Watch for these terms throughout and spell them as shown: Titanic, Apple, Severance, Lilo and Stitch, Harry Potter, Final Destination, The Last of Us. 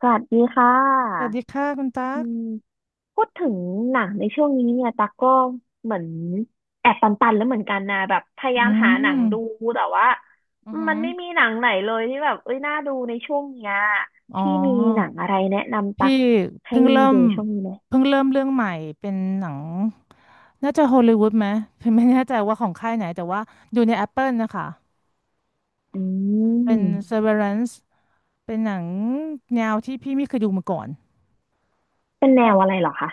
สวัสดีค่สวัสะดีค่ะคุณอืตั๊กมพูดถึงหนังในช่วงนี้เนี่ยตากก็เหมือนแอบตันๆแล้วเหมือนกันนะแบบพยายาอืมหาหนังดูมแต่ว่าอือหืมัอนไม่มีหนังไหนเลยที่แบบเอ้ยน่าดูในช่วงเนี้ยอ๋อพี่มีหนังอะไรแนะนำตัพี่กให้เพิ่งเริ่มดูช่วงนี้ไหมเพิ่งเริ่มเรื่องใหม่เป็นหนังน่าจะฮอลลีวูดไหมพี่ไม่แน่ใจว่าของค่ายไหนแต่ว่าอยู่ใน Apple นะคะอืเป็น ม Severance เป็นหนังแนวที่พี่ไม่เคยดูมาก่อน เป็นแนวอะไรเหรอคะ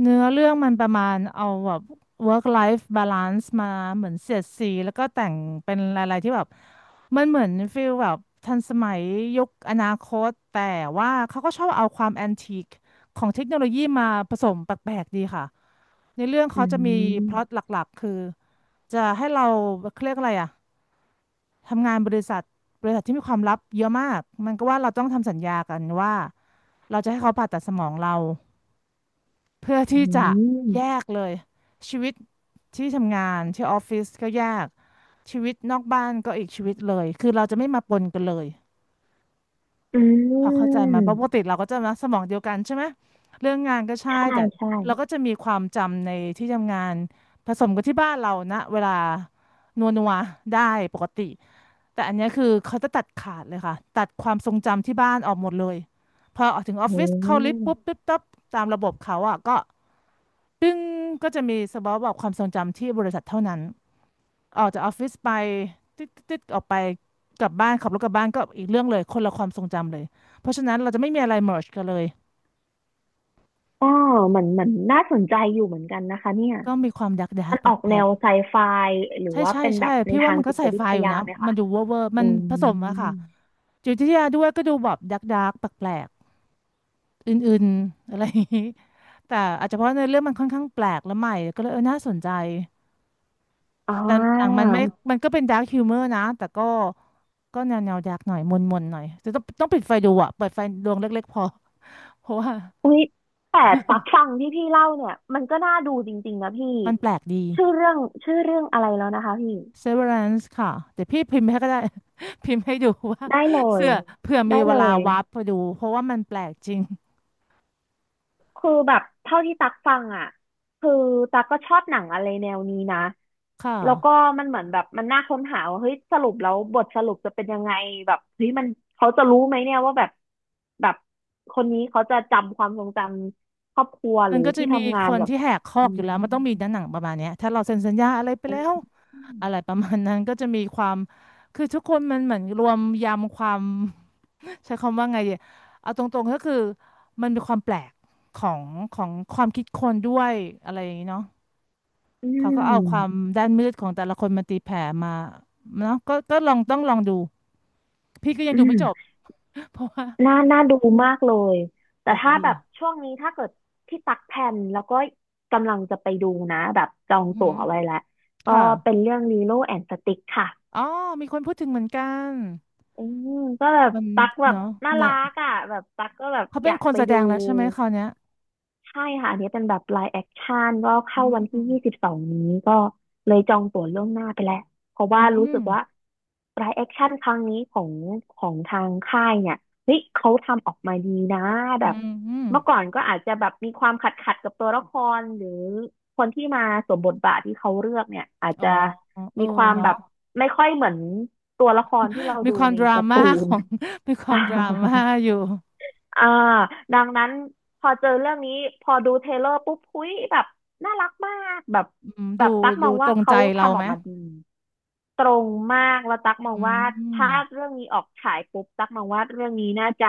เนื้อเรื่องมันประมาณเอาแบบ work life balance มาเหมือนเสียดสีแล้วก็แต่งเป็นอะไรๆที่แบบมันเหมือนฟีลแบบทันสมัยยุคอนาคตแต่ว่าเขาก็ชอบเอาความแอนทีคของเทคโนโลยีมาผสมแปลกๆดีค่ะในเรื่องอืเขาจะมีพล็อตหมลักๆคือจะให้เราเขาเรียกอะไรอะทำงานบริษัทบริษัทที่มีความลับเยอะมากมันก็ว่าเราต้องทำสัญญากันว่าเราจะให้เขาผ่าตัดสมองเรา เพื่ออืที่จะแยมกเลยชีวิตที่ทำงานที่ออฟฟิศก็แยกชีวิตนอกบ้านก็อีกชีวิตเลยคือเราจะไม่มาปนกันเลยอืพอเข้าใจไหมาเพราะปกมติเราก็จะนะสมองเดียวกันใช่ไหมเรื่องงานก็ใช่ใช่แต่ใช่เราก็จะมีความจำในที่ทำงานผสมกับที่บ้านเรานะเวลานัวนัวได้ปกติแต่อันเนี้ยคือเขาจะตัดขาดเลยค่ะตัดความทรงจำที่บ้านออกหมดเลยพอออกถึงออฟโอ้ฟิศเข้าลิฟต์ปุ๊บปิ๊บตับตามระบบเขาอ่ะก็ ซึ่งก็จะมีสบอบอกความทรงจำที่บริษัทเท่านั้นออกจากออฟฟิศไปติดออกไปกลับบ้านขับรถกลับบ้านก็อีกเรื่องเลยคนละความทรงจำเลยเพราะฉะนั้นเราจะไม่มีอะไรเมิร์จกันเลยกอเหมือนเหมือนน่าสนใจอยู่เหมือนกันนะคะเนี่ย ก็มีความดักดักมันแปอลอกกแปแนลกวไซไฟหรือใช่ว่าใช่เป็นแบใช่บในพี่ว่าทางมันก็จิตใส่วิไฟทอยู่ยานะไหมมัคะ นดูเวอร์เวอร์อืมันผสมอะค่ะมจิตวิทยาด้วยก็ดูแบบดักดักแปลกแปลกอื่นๆอะไรอย่างนี้แต่อาจจะเพราะในเรื่องมันค่อนข้างแปลกและใหม่ก็เลยเออน่าสนใจ อ่แต่หนังมัานไม่มันก็เป็นดาร์คฮิวเมอร์นะ แต่ก็ก็แนวดาร์กหน่อยมนมนหน่อยจะต้องปิดไฟดูอ่ะเปิดไฟดวงเล็กๆพอ เพราะว่าอุ๊ยแต่ตักฟังที่พี่เล่าเนี่ยมันก็น่าดูจริงๆนะพี่มันแปลกดี ชื่อเรื่องชื่อเรื่องอะไรแล้วนะคะพี่ Severance ค่ะเดี๋ยวพี่พิมพ์ให้ก็ได้ พิมพ์ให้ดูว่าได้เลยเสื้อเผื่อได้มีเวเลลาย วาร์ปไปดู เพราะว่ามันแปลกจริงคือแบบเท่าที่ตักฟังอ่ะคือตักก็ชอบหนังอะไรแนวนี้นะคแล้วก็่ะ มันเหมือนแบบมันน่าค้นหาว่าเฮ้ยสรุปแล้วบทสรุปจะเป็นยังไงแบบเฮ้ยมันเขาจะรู้ไหมเนี่ยว่าแบบคนนี้เขาจะจำความทรงจำครอบครัวหมัรืนอก็จะที่มีทำงาคนนแบบที่แหกคออืกอยู่มแล้ว มันต้องมีด้านหนังประมาณเนี้ยถ้าเราเซ็นสัญญาอะไรไปแล้วอะไรประมาณนั้นก็จะมีความคือทุกคนมันเหมือนรวมยำความ ใช้คำว่าไงดีเอาตรงๆก็คือมันมีความแปลกของของความคิดคนด้วยอะไรอย่างนี้เนาะอืเขาก็เอาความมด้านมืดของแต่ละคนมาตีแผ่มาเนาะก็ก็ลองต้องลองดูพี่ก็ยังอืดูม ไม่จบ เพราะว่าน่าดูมากเลย แปแต่ลกถ้าดีแบบช่วงนี้ถ้าเกิดที่ตักแผ่นแล้วก็กำลังจะไปดูนะแบบจออืงอหืตั๋อวไว้แล้วก็ค่ะเป็นเรื่องลีโลแอนด์สติกค่ะอ๋อมีคนพูดถึงเหมือนกันอืมก็แบบมันตักแบบเนาะน่านะรักอ่ะแบบตักก็แบบเขาอเป็นยากคนไปแสดดู งแล้วใช่ไหมคราวเนี้ยใช่ค่ะอันนี้เป็นแบบ live action ก็อืเข้ามวันอืที่ม22นี้ก็เลยจองตั๋วล่วงหน้าไปแล้วเพราะว่ารู้อสึกว่า live action ครั้งนี้ของทางค่ายเนี่ยเฮ้ยเขาทำออกมาดีนะแบืบมอืมเมื่อก่อนก็อาจจะแบบมีความขัดกับตัวละครหรือคนที่มาสวมบทบาทที่เขาเลือกเนี่ยอาจอ๋อจะเออมีความแบเนาะบไม่ค่อยเหมือนตัวละครที่เรามีดูความในดราการ์ม่าตูขน อง มีความดราม่าอยู่ อ่าดังนั้นพอเจอเรื่องนี้พอดูเทรลเลอร์ปุ๊บหุ้ยแบบน่ารักมากแบบอืมแบดูบตั๊กมดูองตว่ารงเขาใจเราทำอไหอมกมาดีตรงมากแล้วตั๊กมองอืว่าถ้ามเรื่องนี้ออกฉายปุ๊บตั๊กมองว่าเรื่องนี้น่าจะ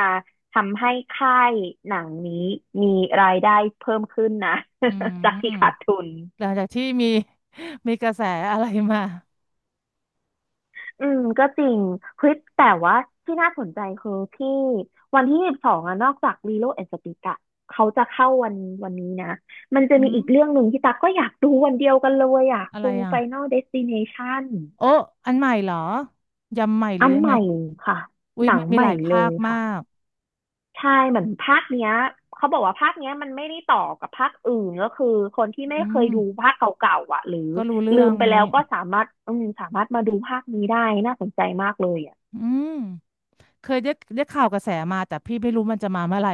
ทำให้ค่ายหนังนี้มีรายได้เพิ่มขึ้นนะ อื จากมที่ขาดทุน หลังจากที่มี มีกระแสอะไรมาอืมก็จริงเฮ้ยแต่ว่าที่น่าสนใจคือที่วันที่ยี่สิบสองอะนอกจากลีโลแอนด์สติกอะเขาจะเข้าวันนี้นะมันจะอืมีมอีกเรื่องหนึ่งที่ตั๊กก็อยากดูวันเดียวกันเลยอะอะไรคือ อ่ะ Final Destination โอ้อันใหม่เหรอยำใหม่หอัรือนยังใหไงม่ค่ะอุ้หยนังมันมีใหหม่ลายเลภาคยมาค่ะกใช่เหมือนภาคเนี้ยเขาบอกว่าภาคเนี้ยมันไม่ได้ต่อกับภาคอื่นก็คือคนที่ไม่อืเคยมดูภาคเก่าๆอ่ะหรือก็รู้เรื่อลืมงไปนี้แล้วก็สามารถอืมสามารถมาดูภาคนี้ได้น่าสนใจมากเลยอ่ะอืมเคยได้ได้ข่าวกระแสมาแต่พี่ไม่รู้มันจะมาเมื่อไหร่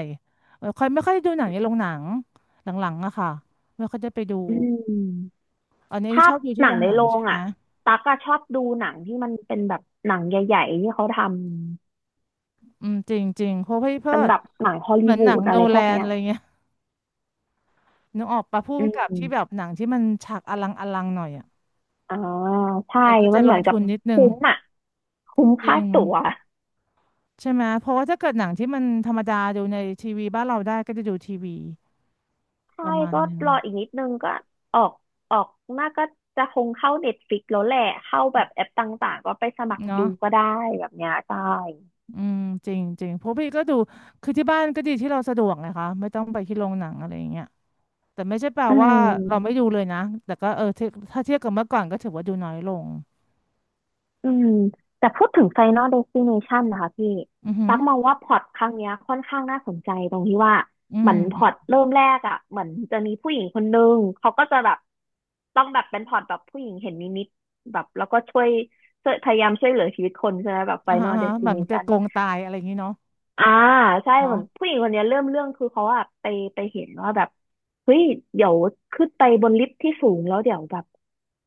เออค่อยไม่ค่อยดูหนังในโรงหนังหลังๆอะค่ะไม่ค่อยได้ไปดูอืม อันนี้ถ้าชอบดูหที่นัโรงงในหนัโรงใช่งไหม อ่ะตั๊กอะชอบดูหนังที่มันเป็นแบบหนังใหญ่ๆที่เขาทำอืมจริงจริงเพราะพี่เพิเป็นดแบบหนังฮอลเหลีมือนวูหนังดโนอะไรพแลวกนเนี้อะย ไรเงี้ยนึกออกปะพุ่มอืกับมที่แบบหนังที่มันฉากอลังอลังหน่อยอ่ะอ่าใช่ เออก็จะมันลเหมืงอนกัทุบนนิดนึงคุ้มอ่ะ คุ้มจค่าริงตั๋วใช่ไหมเพราะว่าถ้าเกิดหนังที่มันธรรมดาดูในทีวีบ้านเราได้ก็จะดูทีวีใช่ ประมาณก็นึงรออีกนิดนึงก็ออกออกน้ากก็จะคงเข้าเน็ตฟ i ิกแล้วแหละ เข้าแบบแอปต่างๆก็ไปสมัครดูเนาะก็ได้แบบเนี้ยใช่อืมจริงจริงเพราะพี่ก็ดูคือที่บ้านก็ดีที่เราสะดวกนะคะไม่ต้องไปที่โรงหนังอะไรอย่างเงี้ยแต่ไม่ใช่แปลอืว่าม เราไม่ดูเลยนะแต่ก็เออถ้าถ้าเทียบกับเมื่อก่อนก็ถือว่าดูน้อยลงอืมแต่พูดถึง Final Destination นะคะพี่อือหืตัอกมองว่าพล็อตครั้งเนี้ยค่อนข้างน่าสนใจตรงที่ว่าอืเหมืม อนพล็อตเริ่มแรกอ่ะเหมือนจะมีผู้หญิงคนนึงเขาก็จะแบบต้องแบบเป็นพล็อตแบบผู้หญิงเห็นนิมิตแบบแล้วก็ช่วยพยายามช่วยเหลือชีวิตคนใช่ไหมแบบ อ่าฮะ Final อ่าฮะแบบมันจะ Destination โกงตายอะไรอย่างนี้เนาะอ่าใช่เหเนาะมือนผู้หญิงคนเนี้ยเริ่มเรื่องคือเขาอะไปเห็นว่าแบบเฮ้ยเดี๋ยวขึ้นไปบนลิฟต์ที่สูงแล้วเดี๋ยวแบบ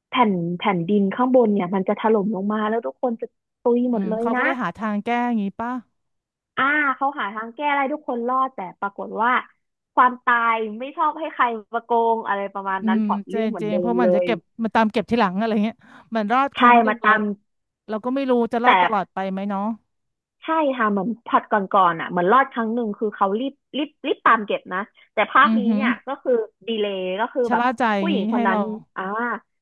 แผ่นแผ่นดินข้างบนเนี่ยมันจะถล่มลงมาแล้วทุกคนจะตุยหอืมดมเลยเขาก็นะเลยหาทางแก้อย่างนี้ป่ะอ่าเขาหาทางแก้ได้ทุกคนรอดแต่ปรากฏว่าความตายไม่ชอบให้ใครมาโกงอะไรประมาณอืนั้นมพล็อตจเรื่ริองงเหมืจอนริงเดิเพมราะมัเลนจะยเก็บมันตามเก็บทีหลังอะไรเงี้ยมันรอดคใช่รั้งหนึ่มางแล้วตามเราก็ไม่รู้จะรอดแต่ ตลอดไปไหมเนาะใช่ค่ะเหมือนผลัดก่อนๆอ่ะเหมือนรอดครั้งหนึ่งคือเขารีบตามเก็บนะแต่ภาคอือนี้หือเนี่ยก็คือดีเลย์ก็คือชะแบบล่าใจอย่าผู้งหญิงนี้คให้นนั้เรานอ่า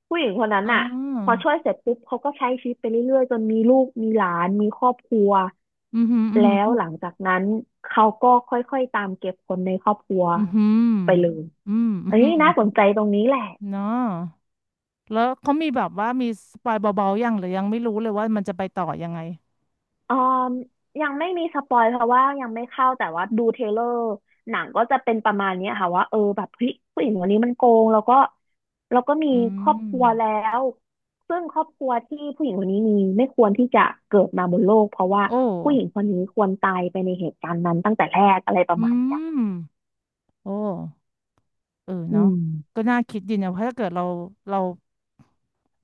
ผู้หญิงคนนั้นอ๋ออ่ะพอช่วยเสร็จปุ๊บเขาก็ใช้ชีวิตไปเรื่อยๆจนมีลูกมีหลานมีครอบครัวอือหืออือแล้หืวอหลังจากนั้นเขาก็ค่อยๆตามเก็บคนในครอบครัวอือหือไปเลยอืมอือเอ้ยหือน่าสนใจตรงนี้แหละ เนาะแล้วเขามีแบบว่ามีสปอยเบาๆยังหรือยังไม่รู้เลยว่ามันจะไปต่อยังไงเอ่อยังไม่มีสปอยเพราะว่ายังไม่เข้าแต่ว่าดูเทรลเลอร์หนังก็จะเป็นประมาณเนี้ยค่ะว่าเออแบบเฮ้ยผู้หญิงคนนี้มันโกงแล้วก็แล้วก็มีอืครอบครัวแล้มวซึ่งครอบครัวที่ผู้หญิงคนนี้มีไม่ควรที่จะเกิดมาบนโลกเพราะว่าโอผู้หญิงค้นนี้ควรตายไปในเหตุการณ์นั้นตั้งแต่แรกอะไรปอืระมาณเนี้ยมโอ้ เอออืเนาะม ก็น่าคิดดีนะเพราะถ้าเกิดเราเรา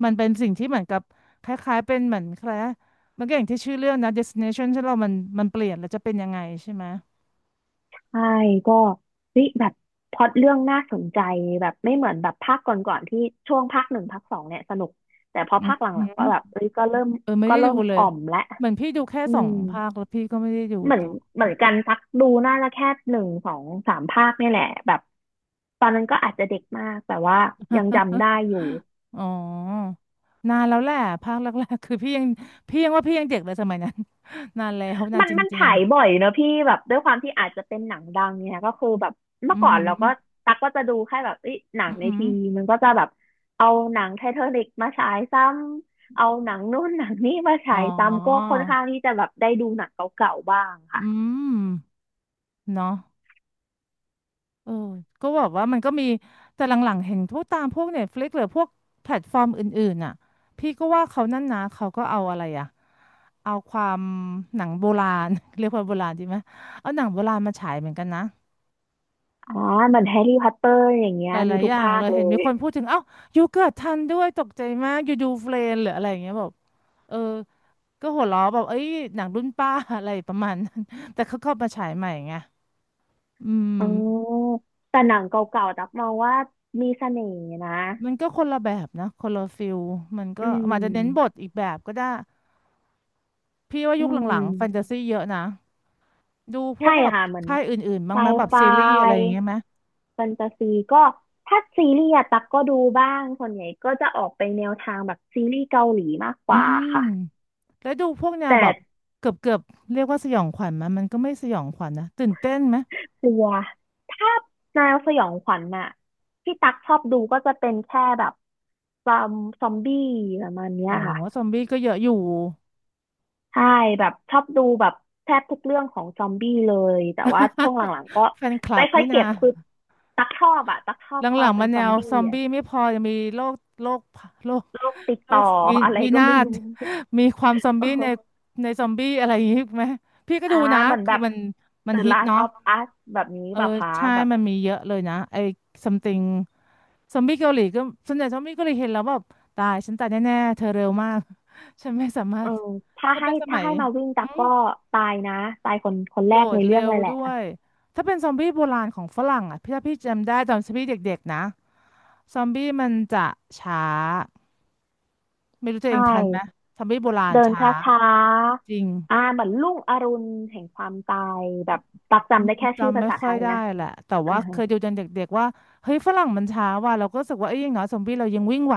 มันเป็นสิ่งที่เหมือนกับคล้ายๆเป็นเหมือนแคล้ายมันก็อย่างที่ชื่อเรื่องนะ destination ที่เรามันเปลี่ยนแล้วจะเป็นยังไงใช่ไหมใช่ก็เฮ้ยแบบพล็อตเรื่องน่าสนใจแบบไม่เหมือนแบบภาคก่อนๆที่ช่วงภาคหนึ่งภาคสองเนี่ยสนุกแต่พออืมภาคหหืลังๆอก็แบบเอ้ยก็เริ่มเออไม่ก็ได้เริ่ดูมเลยอ่อมและเหมือนพี่ดูแค่อืสองมภาคแล้วพี่ก็ไม่ได้ดูเหมือนต่อ เหมือนกันสักดูน่าจะแค่หนึ่งสองสามภาคนี่แหละแบบตอนนั้นก็อาจจะเด็กมากแต่ว่ายังจำ ได้อยู่ อ๋อนานแล้วแหละภาคแรกๆคือพี่ยังว่าพี่ยังเด็กเลยสมัยนั้น นานแล้วนานมันจมันริงฉายบ่อยเนอะพี่แบบด้วยความที่อาจจะเป็นหนังดังเนี่ยก็คือแบบๆเมื่ออือก่อนหือเราก็ตักก็จะดูแค่แบบเอ้ยหนังอือในหือทีวีมันก็จะแบบเอาหนังไททานิกมาฉายซ้ำเอาหนังนู่นหนังนี่มาอ๋ฉาอยซ้ำก็ค่อนข้างที่จะแบบได้ดูหนังเก่าๆบ้างอืค่ะมเนาะ เออก็แบบว่ามันก็มีแต่หลังๆเห็นพวกตามพวกเน็ตฟลิกหรือพวกแพลตฟอร์มอื่นๆน่ะพี่ก็ว่าเขานั่นนะเขาก็เอาอะไรอะเอาความหนังโบราณ เรียกว่าโบราณดีไหมเอาหนังโบราณมาฉายเหมือนกันนะอ่าเหมือนแฮร์รี่พอตเตอร์อย่างเงี้หยมีลายๆทุอกย่างภาเลคยเลเห็นมียคนพูดถึงเอ้ายูเกิดทันด้วยตกใจมากยูดูเฟรนหรืออะไรอย่างเงี้ยแบบเออก็หัวเราะแบบเอ้ยหนังรุ่นป้า อะไรประมาณนั้นแต่เขาเข้ามาฉายใหม่ไงอืม อ๋อแต่หนังเก่าๆตักมองว่ามีเสน่ห์นะมันก็คนละแบบนะคนละฟิลมันก็อือาจจะเน้นบทมอีกแบบก็ได้พี่ว่าอืยุคหลังๆแฟนตาม ซีเยอะนะดูพวใช่กแบบค่ะเหมือนค่ายอื่นๆบ้าไซงไหมแบบไฟซีรีส์อะไรอย่างเงี้ยไหมแฟนตาซีก็ถ้าซีรีส์อะตักก็ดูบ้างส่วนใหญ่ก็จะออกไปแนวทางแบบซีรีส์เกาหลีมากกอืว่ามค่ะแล้วดูพวกแนวแต่แบบเกือบเรียกว่าสยองขวัญไหมมันก็ไม่สยองขวัญนะตื่นเต้นไหมกลัวถ้าแนวสยองขวัญน่ะที่ตักชอบดูก็จะเป็นแค่แบบซอมซอมบี้ประมาณเนี้อ๋ยอค่ะซอมบี้ก็เยอะอยู่ ใช่แบบชอบดูแบบแทบทุกเรื่องของซอมบี้เลยแต่ว่าช่วงห ลังๆก็แฟนคลัไม่บค่อยนี่นะ เก็บคือตักชอบอะตักชอหบคลัวามงๆเป็มันนซแนอมวบี้ซอมอะ บี้ไม่พอยังมีโรคโรคโรคติดโรต่อควิอะไรวิก็นาไม่ศ รู้ มีความซอ มเออบี้ในซอมบี้อะไรอย่างงี้ไหมพี่ก็ดูอ่านะเหมือนคืแบอบ มัน The ฮิต Last เนาะ of Us แบบนี้เออแบบคะใช่แบบมันมีเยอะเลยนะไอ้ something ซอมบี้เกาหลีก็ส่วนใหญ่ซอมบี้เกาหลีเห็นแล้วแบบตายฉันตายแน่ๆเธอเร็วมาก ฉันไม่สามาเอรถอถ้าถ้าให้เป็นสถ้ามัยให้มาวิ่งตัอืกม ก็ตายนะตายคนคนแรโดกในดเรื่องเร็วเลยแหละด้วย ถ้าเป็นซอมบี้โบราณของฝรั่งอ่ะพี่ถ้าพี่จำได้ตอนซอมบี้เด็กๆนะ ซอมบี้มันจะช้า ไม่รู้ตัวเอใช่งทันไหม ซอมบี้โบราณเดินช้าช้าจริง ๆอ่าเหมือนรุ่งอรุณแห่งความตายแบบตักอืจำได้มแค่ชื่อจำภาไม่ษาไทค่อยยได้นะแหละแต่อ่าว่าเคฮะยดูตอนเด็กๆว่าเฮ้ยฝรั่งมันช้าว่ะเราก็รู้สึกว่าเอ้ยอย่างน้อยซอมบี้เรายังวิ่งไหว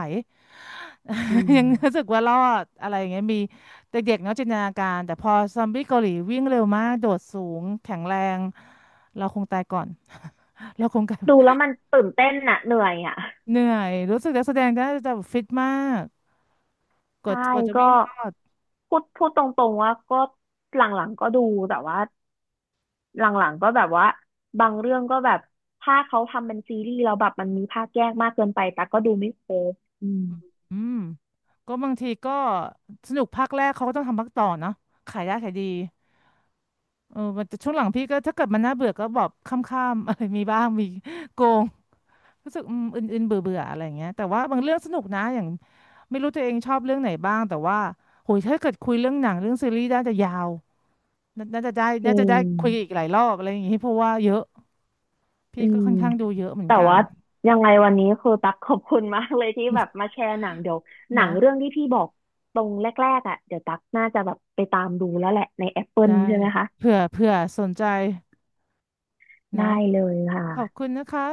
อื มยังรู้สึกว่ารอดอะไรอย่างเงี้ยมีเด็กๆเนาะจินตนาการแต่พอซอมบี้เกาหลีวิ่งเร็วมากโดดสูงแข็งแรงเราคงตายก่อน เราคงกลาดูแล้ยวมันตื่นเต้นน่ะเหนื่อยอ่ะ เหนื่อยรู้สึกนักแสดงน่าจะฟิตมากใช่กว่าจะก็วิ่งรอดพูดพูดตรงๆว่าก็หลังๆก็ดูแต่ว่าหลังๆก็แบบว่าบางเรื่องก็แบบถ้าเขาทำเป็นซีรีส์แล้วแบบมันมีภาคแยกมากเกินไปแต่กก็ดูไม่ครบอืมอืมก็บางทีก็สนุกภาคแรกเขาก็ต้องทำภาคต่อเนาะขายได้ขายดี เออแต่ช่วงหลังพี่ก็ถ้าเกิดมันน่าเบื่อก็บอกข้ามๆ อะไรมีบ้างมีโกงรู้สึกอืมอื่นๆเบื่อเบื่ออะไรอย่างเงี้ยแต่ว่าบางเรื่องสนุกนะอย่างไม่รู้ตัวเองชอบเรื่องไหนบ้างแต่ว่าโหยถ้าเกิดคุยเรื่องหนังเรื่องซีรีส์น่าจะยาวน่าจะได้จริน่าจะงได้คุยอีกหลายรอบอะไรอย่างงี้เพราะว่าเยอะพี่อืก็มค่อนข้างดูเยอะเหมือนแต่กันว่ายังไงวันนี้คือตักขอบคุณมากเลยที่แบบมาแชร์หนังเดี๋ยวหนังเนาะเรื่องที่พี่บอกตรงแรกๆอ่ะเดี๋ยวตักน่าจะแบบไปตามดูแล้วแหละใน Apple ได้ใช่ไหมคะเผื่อสนใจได้เนาะเลยขอบคุค่ะณนะคะ